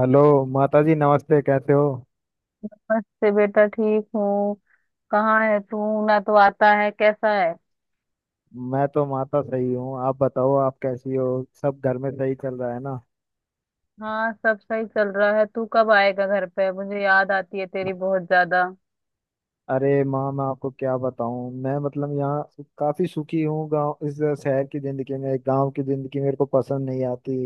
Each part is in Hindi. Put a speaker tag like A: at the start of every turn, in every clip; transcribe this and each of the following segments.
A: हेलो। माता जी नमस्ते, कैसे हो?
B: नमस्ते बेटा, ठीक हूँ। कहाँ है तू? ना तो आता है, कैसा है?
A: मैं तो माता सही हूँ, आप बताओ आप कैसी हो? सब घर में सही चल रहा है ना?
B: हाँ, सब सही चल रहा है। तू कब आएगा घर पे? मुझे याद आती है तेरी बहुत ज्यादा।
A: अरे माँ मैं आपको क्या बताऊँ, मैं मतलब यहाँ काफी सुखी हूँ। गांव इस शहर की जिंदगी में गांव की जिंदगी मेरे को पसंद नहीं आती।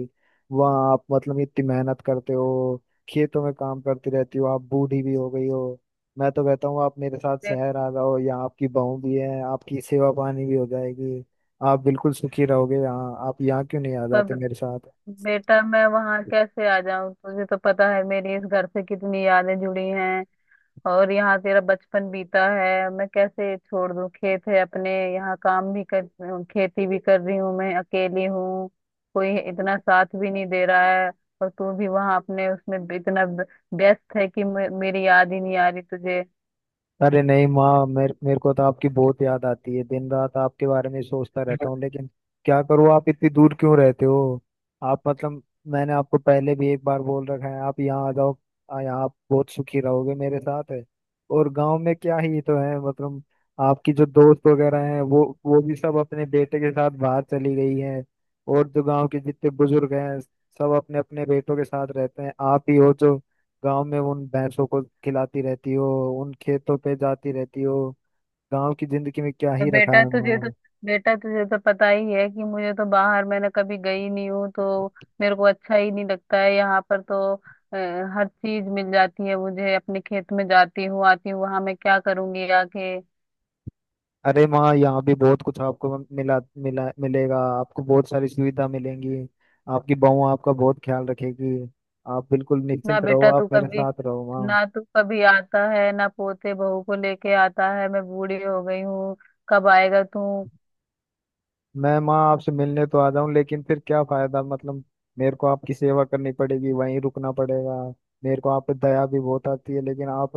A: वहाँ आप मतलब इतनी मेहनत करते हो, खेतों में काम करती रहती हो, आप बूढ़ी भी हो गई हो। मैं तो कहता हूँ आप मेरे साथ
B: बे,
A: शहर आ जाओ, यहाँ आपकी बहू भी है, आपकी सेवा पानी भी हो जाएगी। आप बिल्कुल सुखी रहोगे यहाँ, आप यहाँ क्यों नहीं आ जाते
B: पर
A: मेरे साथ?
B: बेटा, मैं वहाँ कैसे आ जाऊँ? तुझे तो पता है मेरी इस घर से कितनी यादें जुड़ी हैं। और यहाँ तेरा बचपन बीता है, मैं कैसे छोड़ दूँ? खेत है अपने, यहाँ काम भी कर, खेती भी कर रही हूँ, मैं अकेली हूँ। कोई इतना साथ भी नहीं दे रहा है। और तू भी वहाँ अपने उसमें इतना व्यस्त है कि मेरी याद ही नहीं आ रही तुझे।
A: अरे नहीं माँ, मेरे मेरे को तो आपकी बहुत याद आती है, दिन रात आपके बारे में सोचता रहता हूँ, लेकिन क्या करूँ आप इतनी दूर क्यों रहते हो? आप मतलब मैंने आपको पहले भी एक बार बोल रखा है आप यहाँ आ जाओ। यहाँ आप बहुत सुखी रहोगे मेरे साथ है। और गांव में क्या ही तो है मतलब, आपकी जो दोस्त वगैरह हैं वो भी सब अपने बेटे के साथ बाहर चली गई हैं। और जो गांव के जितने बुजुर्ग हैं सब अपने अपने बेटों के साथ रहते हैं, आप ही हो जो गांव में उन भैंसों को खिलाती रहती हो, उन खेतों पे जाती रहती हो। गांव की जिंदगी में क्या
B: और
A: ही रखा
B: बेटा
A: है
B: तुझे तो,
A: माँ।
B: बेटा तुझे तो पता ही है कि मुझे तो बाहर, मैंने कभी गई नहीं हूँ, तो मेरे को अच्छा ही नहीं लगता है। यहाँ पर तो हर चीज मिल जाती है मुझे, अपने खेत में जाती हूँ आती हूँ। वहां मैं क्या करूंगी आके?
A: अरे माँ यहाँ भी बहुत कुछ आपको मिला, मिलेगा, आपको बहुत सारी सुविधा मिलेंगी। आपकी बहू आपका बहुत ख्याल रखेगी। आप बिल्कुल
B: ना
A: निश्चिंत रहो,
B: बेटा, तू
A: आप मेरे
B: कभी
A: साथ रहो माँ।
B: ना, तू कभी आता है ना पोते बहू को लेके आता है। मैं बूढ़ी हो गई हूँ, कब आएगा तू?
A: मैं माँ आपसे मिलने तो आ जाऊं लेकिन फिर क्या फायदा, मतलब मेरे को आपकी सेवा करनी पड़ेगी, वहीं रुकना पड़ेगा। मेरे को आप पे दया भी बहुत आती है, लेकिन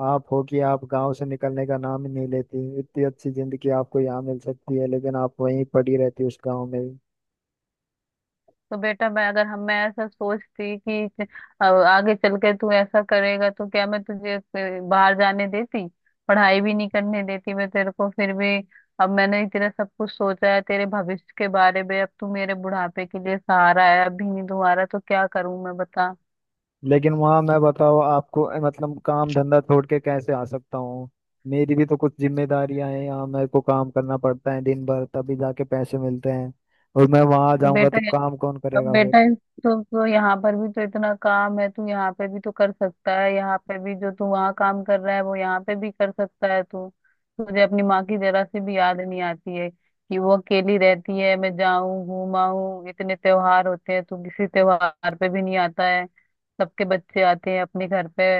A: आप हो कि आप गांव से निकलने का नाम ही नहीं लेती। इतनी अच्छी जिंदगी आपको यहाँ मिल सकती है लेकिन आप वहीं पड़ी रहती उस गांव में ही।
B: तो बेटा, मैं अगर हम मैं ऐसा सोचती कि आगे चल के तू ऐसा करेगा, तो क्या मैं तुझे बाहर जाने देती? पढ़ाई भी नहीं करने देती। मैं तेरे को फिर भी, अब मैंने तेरा सब कुछ सोचा है, तेरे भविष्य के बारे में। अब तू मेरे बुढ़ापे के लिए सहारा है, अभी नहीं तुम्हारा तो क्या करूं मैं, बता।
A: लेकिन वहां मैं बताओ आपको मतलब काम धंधा छोड़ के कैसे आ सकता हूँ? मेरी भी तो कुछ जिम्मेदारियां हैं, यहाँ मेरे को काम करना पड़ता है दिन भर, तभी जाके पैसे मिलते हैं। और मैं वहां
B: तो
A: जाऊंगा
B: बेटा,
A: तो काम कौन
B: अब
A: करेगा
B: बेटा
A: फिर?
B: तो यहाँ पर भी तो इतना काम है, तू यहाँ पे भी तो कर सकता है। यहाँ पे भी जो तू वहाँ काम कर रहा है, वो यहाँ पे भी कर सकता है तू। तुझे अपनी माँ की जरा सी भी याद नहीं आती है कि वो अकेली रहती है? मैं जाऊं घूमाऊं, इतने त्योहार होते हैं, तू किसी त्योहार पे भी नहीं आता है। सबके बच्चे आते हैं अपने घर पे।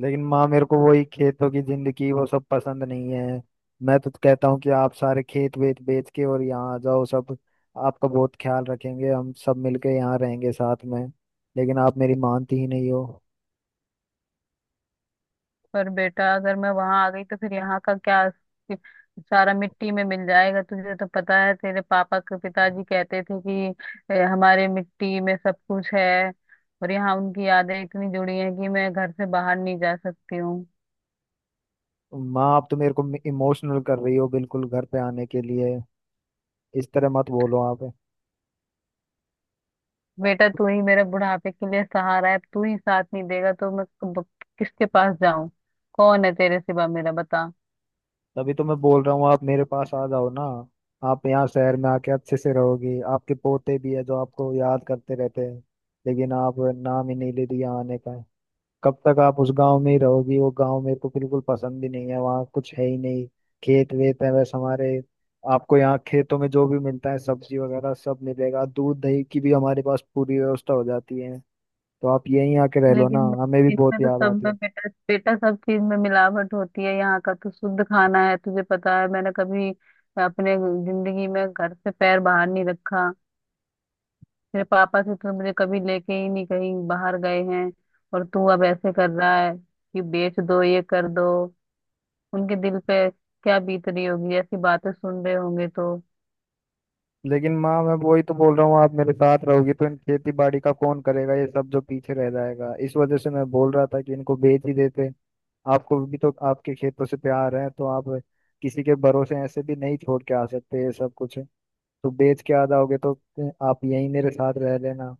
A: लेकिन माँ मेरे को वही खेतों की जिंदगी वो सब पसंद नहीं है। मैं तो कहता हूँ कि आप सारे खेत वेत बेच के और यहाँ आ जाओ, सब आपका बहुत ख्याल रखेंगे, हम सब मिलके यहाँ रहेंगे साथ में। लेकिन आप मेरी मानती ही नहीं हो।
B: पर बेटा, अगर मैं वहां आ गई तो फिर यहाँ का क्या? सारा मिट्टी में मिल जाएगा। तुझे तो पता है तेरे पापा के पिताजी कहते थे कि हमारे मिट्टी में सब कुछ है।" और यहाँ उनकी यादें इतनी जुड़ी हैं कि मैं घर से बाहर नहीं जा सकती हूँ।
A: माँ आप तो मेरे को इमोशनल कर रही हो बिल्कुल घर पे आने के लिए, इस तरह मत बोलो आप।
B: बेटा तू ही मेरे बुढ़ापे के लिए सहारा है, तू ही साथ नहीं देगा तो मैं किसके पास जाऊं? कौन है तेरे सिवा मेरा, बता।
A: तभी तो मैं बोल रहा हूँ आप मेरे पास आ जाओ ना। आप यहाँ शहर में आके अच्छे से रहोगी, आपके पोते भी है जो आपको याद करते रहते हैं। लेकिन आप नाम ही नहीं ले दिया आने का। कब तक आप उस गांव में ही रहोगी? वो गांव मेरे को बिल्कुल पसंद भी नहीं है, वहाँ कुछ है ही नहीं, खेत वेत है बस हमारे। आपको यहाँ खेतों में जो भी मिलता है सब्जी वगैरह सब मिलेगा, दूध दही की भी हमारे पास पूरी व्यवस्था हो जाती है। तो आप यहीं आके रह लो ना,
B: लेकिन
A: हमें भी बहुत
B: इनमें तो
A: याद
B: सब
A: आती
B: में,
A: है।
B: बेटा बेटा, सब चीज में मिलावट होती है। यहाँ का तो शुद्ध खाना है। तुझे पता है मैंने कभी अपने जिंदगी में घर से पैर बाहर नहीं रखा। मेरे पापा से तो मुझे कभी लेके ही नहीं कहीं बाहर गए हैं। और तू अब ऐसे कर रहा है कि बेच दो, ये कर दो। उनके दिल पे क्या बीत रही होगी, ऐसी बातें सुन रहे होंगे तो।
A: लेकिन माँ मैं वही तो बोल रहा हूँ, आप मेरे साथ रहोगी तो इन खेती बाड़ी का कौन करेगा, ये सब जो पीछे रह जाएगा, इस वजह से मैं बोल रहा था कि इनको बेच ही देते। आपको भी तो आपके खेतों से प्यार है तो आप किसी के भरोसे ऐसे भी नहीं छोड़ के आ सकते ये सब कुछ। तो बेच के आ जाओगे तो आप यहीं मेरे साथ रह लेना।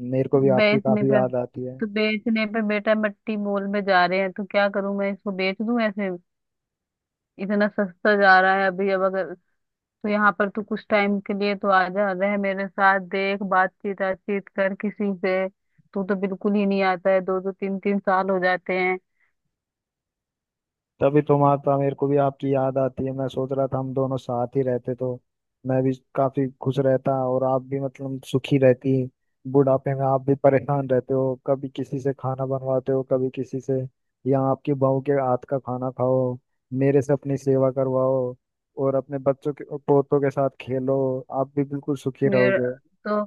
A: मेरे को भी आपकी
B: बेचने
A: काफी
B: पे
A: याद आती है।
B: बेचने पे बेटा, मट्टी मोल में जा रहे हैं, तो क्या करूं मैं, इसको बेच दूं ऐसे? इतना सस्ता जा रहा है अभी। अब अगर, तो यहाँ पर तू कुछ टाइम के लिए तो आ जा, रह मेरे साथ, देख, बातचीत बातचीत कर किसी से। तू तो बिल्कुल ही नहीं आता है, दो दो तीन तीन साल हो जाते हैं।
A: तभी तुम आता, मेरे को भी आपकी याद आती है, मैं सोच रहा था हम दोनों साथ ही रहते तो मैं भी काफी खुश रहता और आप भी मतलब सुखी रहती। बुढ़ापे में आप भी परेशान रहते हो, कभी किसी से खाना बनवाते हो कभी किसी से, या आपकी बहू के हाथ का खाना खाओ, मेरे से अपनी सेवा करवाओ, और अपने बच्चों के पोतों के साथ खेलो, आप भी बिल्कुल सुखी
B: मेरे,
A: रहोगे।
B: तो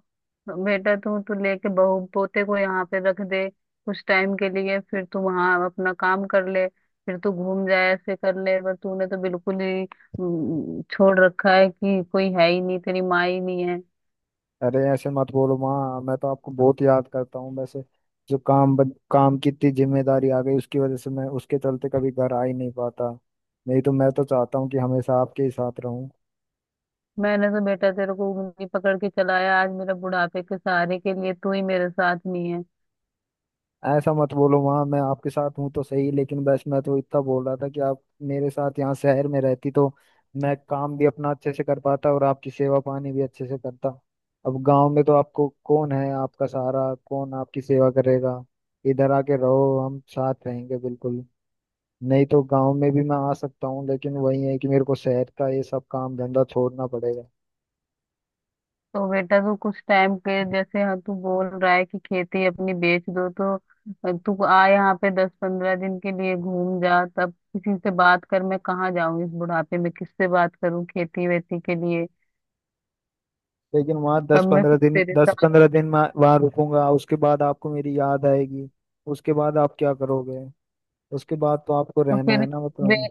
B: बेटा तू तू लेके बहू पोते को यहाँ पे रख दे कुछ टाइम के लिए। फिर तू वहाँ अपना काम कर ले, फिर तू घूम जाए ऐसे कर ले। पर तूने तो बिल्कुल ही छोड़ रखा है कि कोई है ही नहीं, तेरी माँ ही नहीं है।
A: अरे ऐसे मत बोलो माँ, मैं तो आपको बहुत याद करता हूँ वैसे। जो काम की इतनी जिम्मेदारी आ गई उसकी वजह से मैं उसके चलते कभी घर आ ही नहीं पाता। नहीं तो मैं तो चाहता हूँ कि हमेशा आपके ही साथ रहूँ।
B: मैंने तो बेटा तेरे को उंगली पकड़ के चलाया, आज मेरा बुढ़ापे के सहारे के लिए तू ही मेरे साथ नहीं है।
A: ऐसा मत बोलो माँ, मैं आपके साथ हूँ तो सही, लेकिन बस मैं तो इतना बोल रहा था कि आप मेरे साथ यहाँ शहर में रहती तो मैं काम भी अपना अच्छे से कर पाता और आपकी सेवा पानी भी अच्छे से करता। अब गांव में तो आपको कौन है, आपका सहारा कौन, आपकी सेवा करेगा? इधर आके रहो, हम साथ रहेंगे बिल्कुल। नहीं तो गांव में भी मैं आ सकता हूँ, लेकिन वही है कि मेरे को शहर का ये सब काम धंधा छोड़ना पड़ेगा।
B: तो बेटा तू कुछ टाइम के जैसे, हाँ तू बोल रहा है कि खेती अपनी बेच दो, तो तू आ यहाँ पे, दस पंद्रह दिन के लिए घूम जा, तब किसी से बात कर। मैं कहाँ जाऊँ इस बुढ़ापे में, किससे बात करूँ खेती वेती के लिए?
A: लेकिन वहाँ दस
B: तब मैं
A: पंद्रह
B: फिर
A: दिन
B: तेरे साथ,
A: मैं वहाँ रुकूंगा उसके बाद आपको मेरी याद आएगी। उसके बाद आप क्या करोगे? उसके बाद तो आपको
B: तो
A: रहना है
B: फिर,
A: ना मतलब।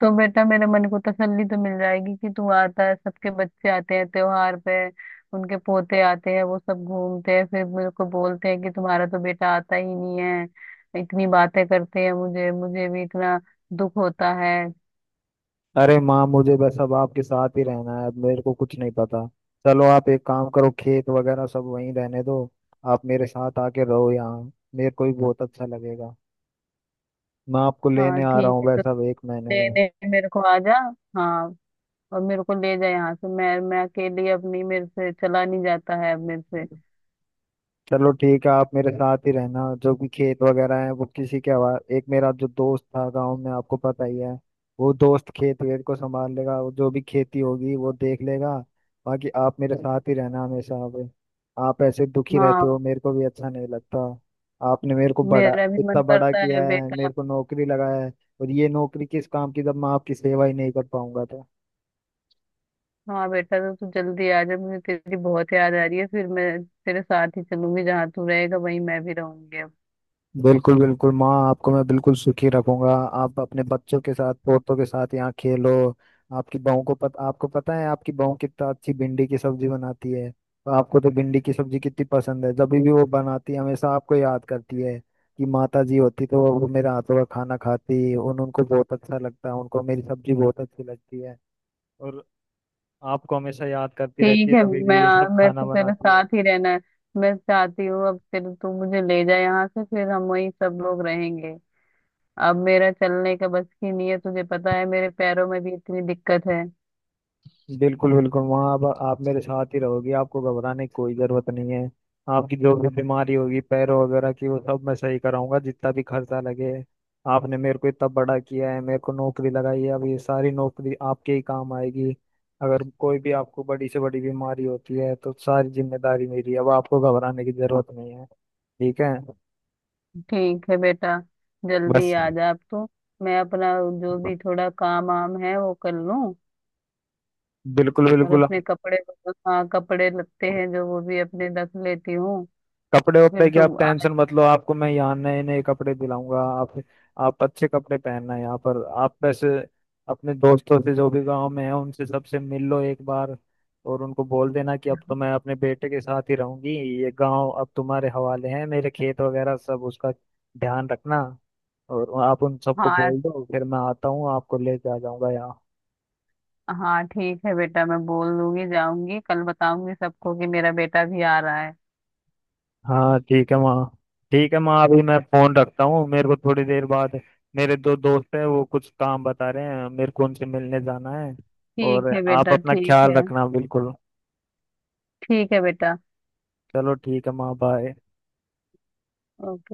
B: तो बेटा मेरे मन को तसल्ली तो मिल जाएगी कि तू आता है। सबके बच्चे आते हैं त्योहार पे, उनके पोते आते हैं, वो सब घूमते हैं। फिर मेरे को बोलते हैं कि तुम्हारा तो बेटा आता ही नहीं है, इतनी बातें करते हैं मुझे। मुझे भी इतना दुख होता है।
A: अरे माँ, मुझे बस अब आपके साथ ही रहना है, अब मेरे को कुछ नहीं पता। चलो आप एक काम करो, खेत वगैरह सब वहीं रहने दो, आप मेरे साथ आके रहो यहाँ, मेरे को भी बहुत अच्छा लगेगा। मैं आपको
B: हाँ,
A: लेने आ रहा
B: ठीक
A: हूँ
B: है तो,
A: वैसा 1 महीने में।
B: लेने मेरे को आ जा। हाँ, और मेरे को ले जा यहाँ से। मैं अकेली अब नहीं, मेरे से चला नहीं जाता है अब मेरे से।
A: चलो ठीक है, आप मेरे साथ ही रहना, जो भी खेत वगैरह है वो किसी के हवा। एक मेरा जो दोस्त था गांव में आपको पता ही है, वो दोस्त खेत वेत को संभाल लेगा, वो जो भी खेती होगी वो देख लेगा। बाकी आप मेरे साथ ही रहना हमेशा अब। आप ऐसे दुखी रहते हो
B: हाँ,
A: मेरे को भी अच्छा नहीं लगता। आपने मेरे को बड़ा
B: मेरा भी
A: इतना
B: मन
A: बड़ा
B: करता है
A: किया है,
B: बेटा।
A: मेरे को नौकरी लगाया है। और ये नौकरी किस काम की जब मैं आपकी सेवा ही नहीं कर पाऊंगा तो।
B: हाँ बेटा, तो तू जल्दी आ जा, मुझे तेरी बहुत याद आ रही है। फिर मैं तेरे साथ ही चलूंगी, जहाँ तू रहेगा वहीं मैं भी रहूंगी अब।
A: बिल्कुल बिल्कुल माँ, आपको मैं बिल्कुल सुखी रखूंगा। आप अपने बच्चों के साथ पोतों के साथ यहाँ खेलो। आपकी बहू को पता, आपको पता है आपकी बहू कितना अच्छी भिंडी की सब्जी बनाती है, तो आपको तो भिंडी की सब्जी कितनी पसंद है, जब भी वो बनाती है हमेशा आपको याद करती है कि माता जी होती तो वो मेरे हाथों का खाना खाती, उन उनको बहुत अच्छा लगता, उनको मेरी सब्जी बहुत अच्छी लगती है। और आपको हमेशा याद करती रहती
B: ठीक
A: है,
B: है,
A: तभी
B: मैं
A: भी ये सब
B: मैं
A: खाना
B: तो तेरे
A: बनाती है।
B: साथ ही रहना है। मैं चाहती हूँ अब तेरे, तू मुझे ले जाए यहाँ से, फिर हम वहीं सब लोग रहेंगे। अब मेरा चलने का बस की नहीं है, तुझे पता है मेरे पैरों में भी इतनी दिक्कत है।
A: बिल्कुल बिल्कुल, वहाँ अब आप मेरे साथ ही रहोगी, आपको घबराने की कोई जरूरत नहीं है। आपकी जो भी बीमारी होगी पैरों वगैरह की वो सब मैं सही कराऊंगा, जितना भी खर्चा लगे। आपने मेरे को इतना बड़ा किया है, मेरे को नौकरी लगाई है, अब ये सारी नौकरी आपके ही काम आएगी। अगर कोई भी आपको बड़ी से बड़ी बीमारी होती है तो सारी जिम्मेदारी मेरी है, अब आपको घबराने की जरूरत नहीं है, ठीक है?
B: ठीक है बेटा, जल्दी
A: बस,
B: आ जा अब तो। मैं अपना जो भी थोड़ा काम वाम है वो कर लूँ,
A: बिल्कुल
B: और
A: बिल्कुल।
B: अपने कपड़े, हाँ कपड़े लगते हैं जो वो भी अपने रख लेती हूँ।
A: कपड़े वपड़े
B: फिर
A: की आप
B: तुम आ-
A: टेंशन मत लो, आपको मैं यहाँ नए नए कपड़े दिलाऊंगा। आप अच्छे कपड़े पहनना यहाँ पर। आप वैसे अपने दोस्तों से जो भी गांव में है उनसे सबसे मिल लो एक बार, और उनको बोल देना कि अब तो मैं अपने बेटे के साथ ही रहूंगी, ये गांव अब तुम्हारे हवाले है, मेरे खेत वगैरह सब उसका ध्यान रखना। और आप उन सबको
B: हाँ,
A: बोल दो, फिर मैं आता हूँ आपको लेके आ जाऊंगा यहाँ।
B: हाँ ठीक है बेटा, मैं बोल दूंगी, जाऊंगी कल बताऊंगी सबको कि मेरा बेटा भी आ रहा है।
A: हाँ ठीक है माँ। ठीक है माँ, अभी मैं फोन रखता हूँ, मेरे को थोड़ी देर बाद मेरे 2 दोस्त हैं वो कुछ काम बता रहे हैं, मेरे को उनसे मिलने जाना है।
B: ठीक
A: और
B: है
A: आप
B: बेटा,
A: अपना
B: ठीक
A: ख्याल
B: है।
A: रखना बिल्कुल।
B: ठीक है बेटा।
A: चलो ठीक है माँ, बाय।
B: ओके।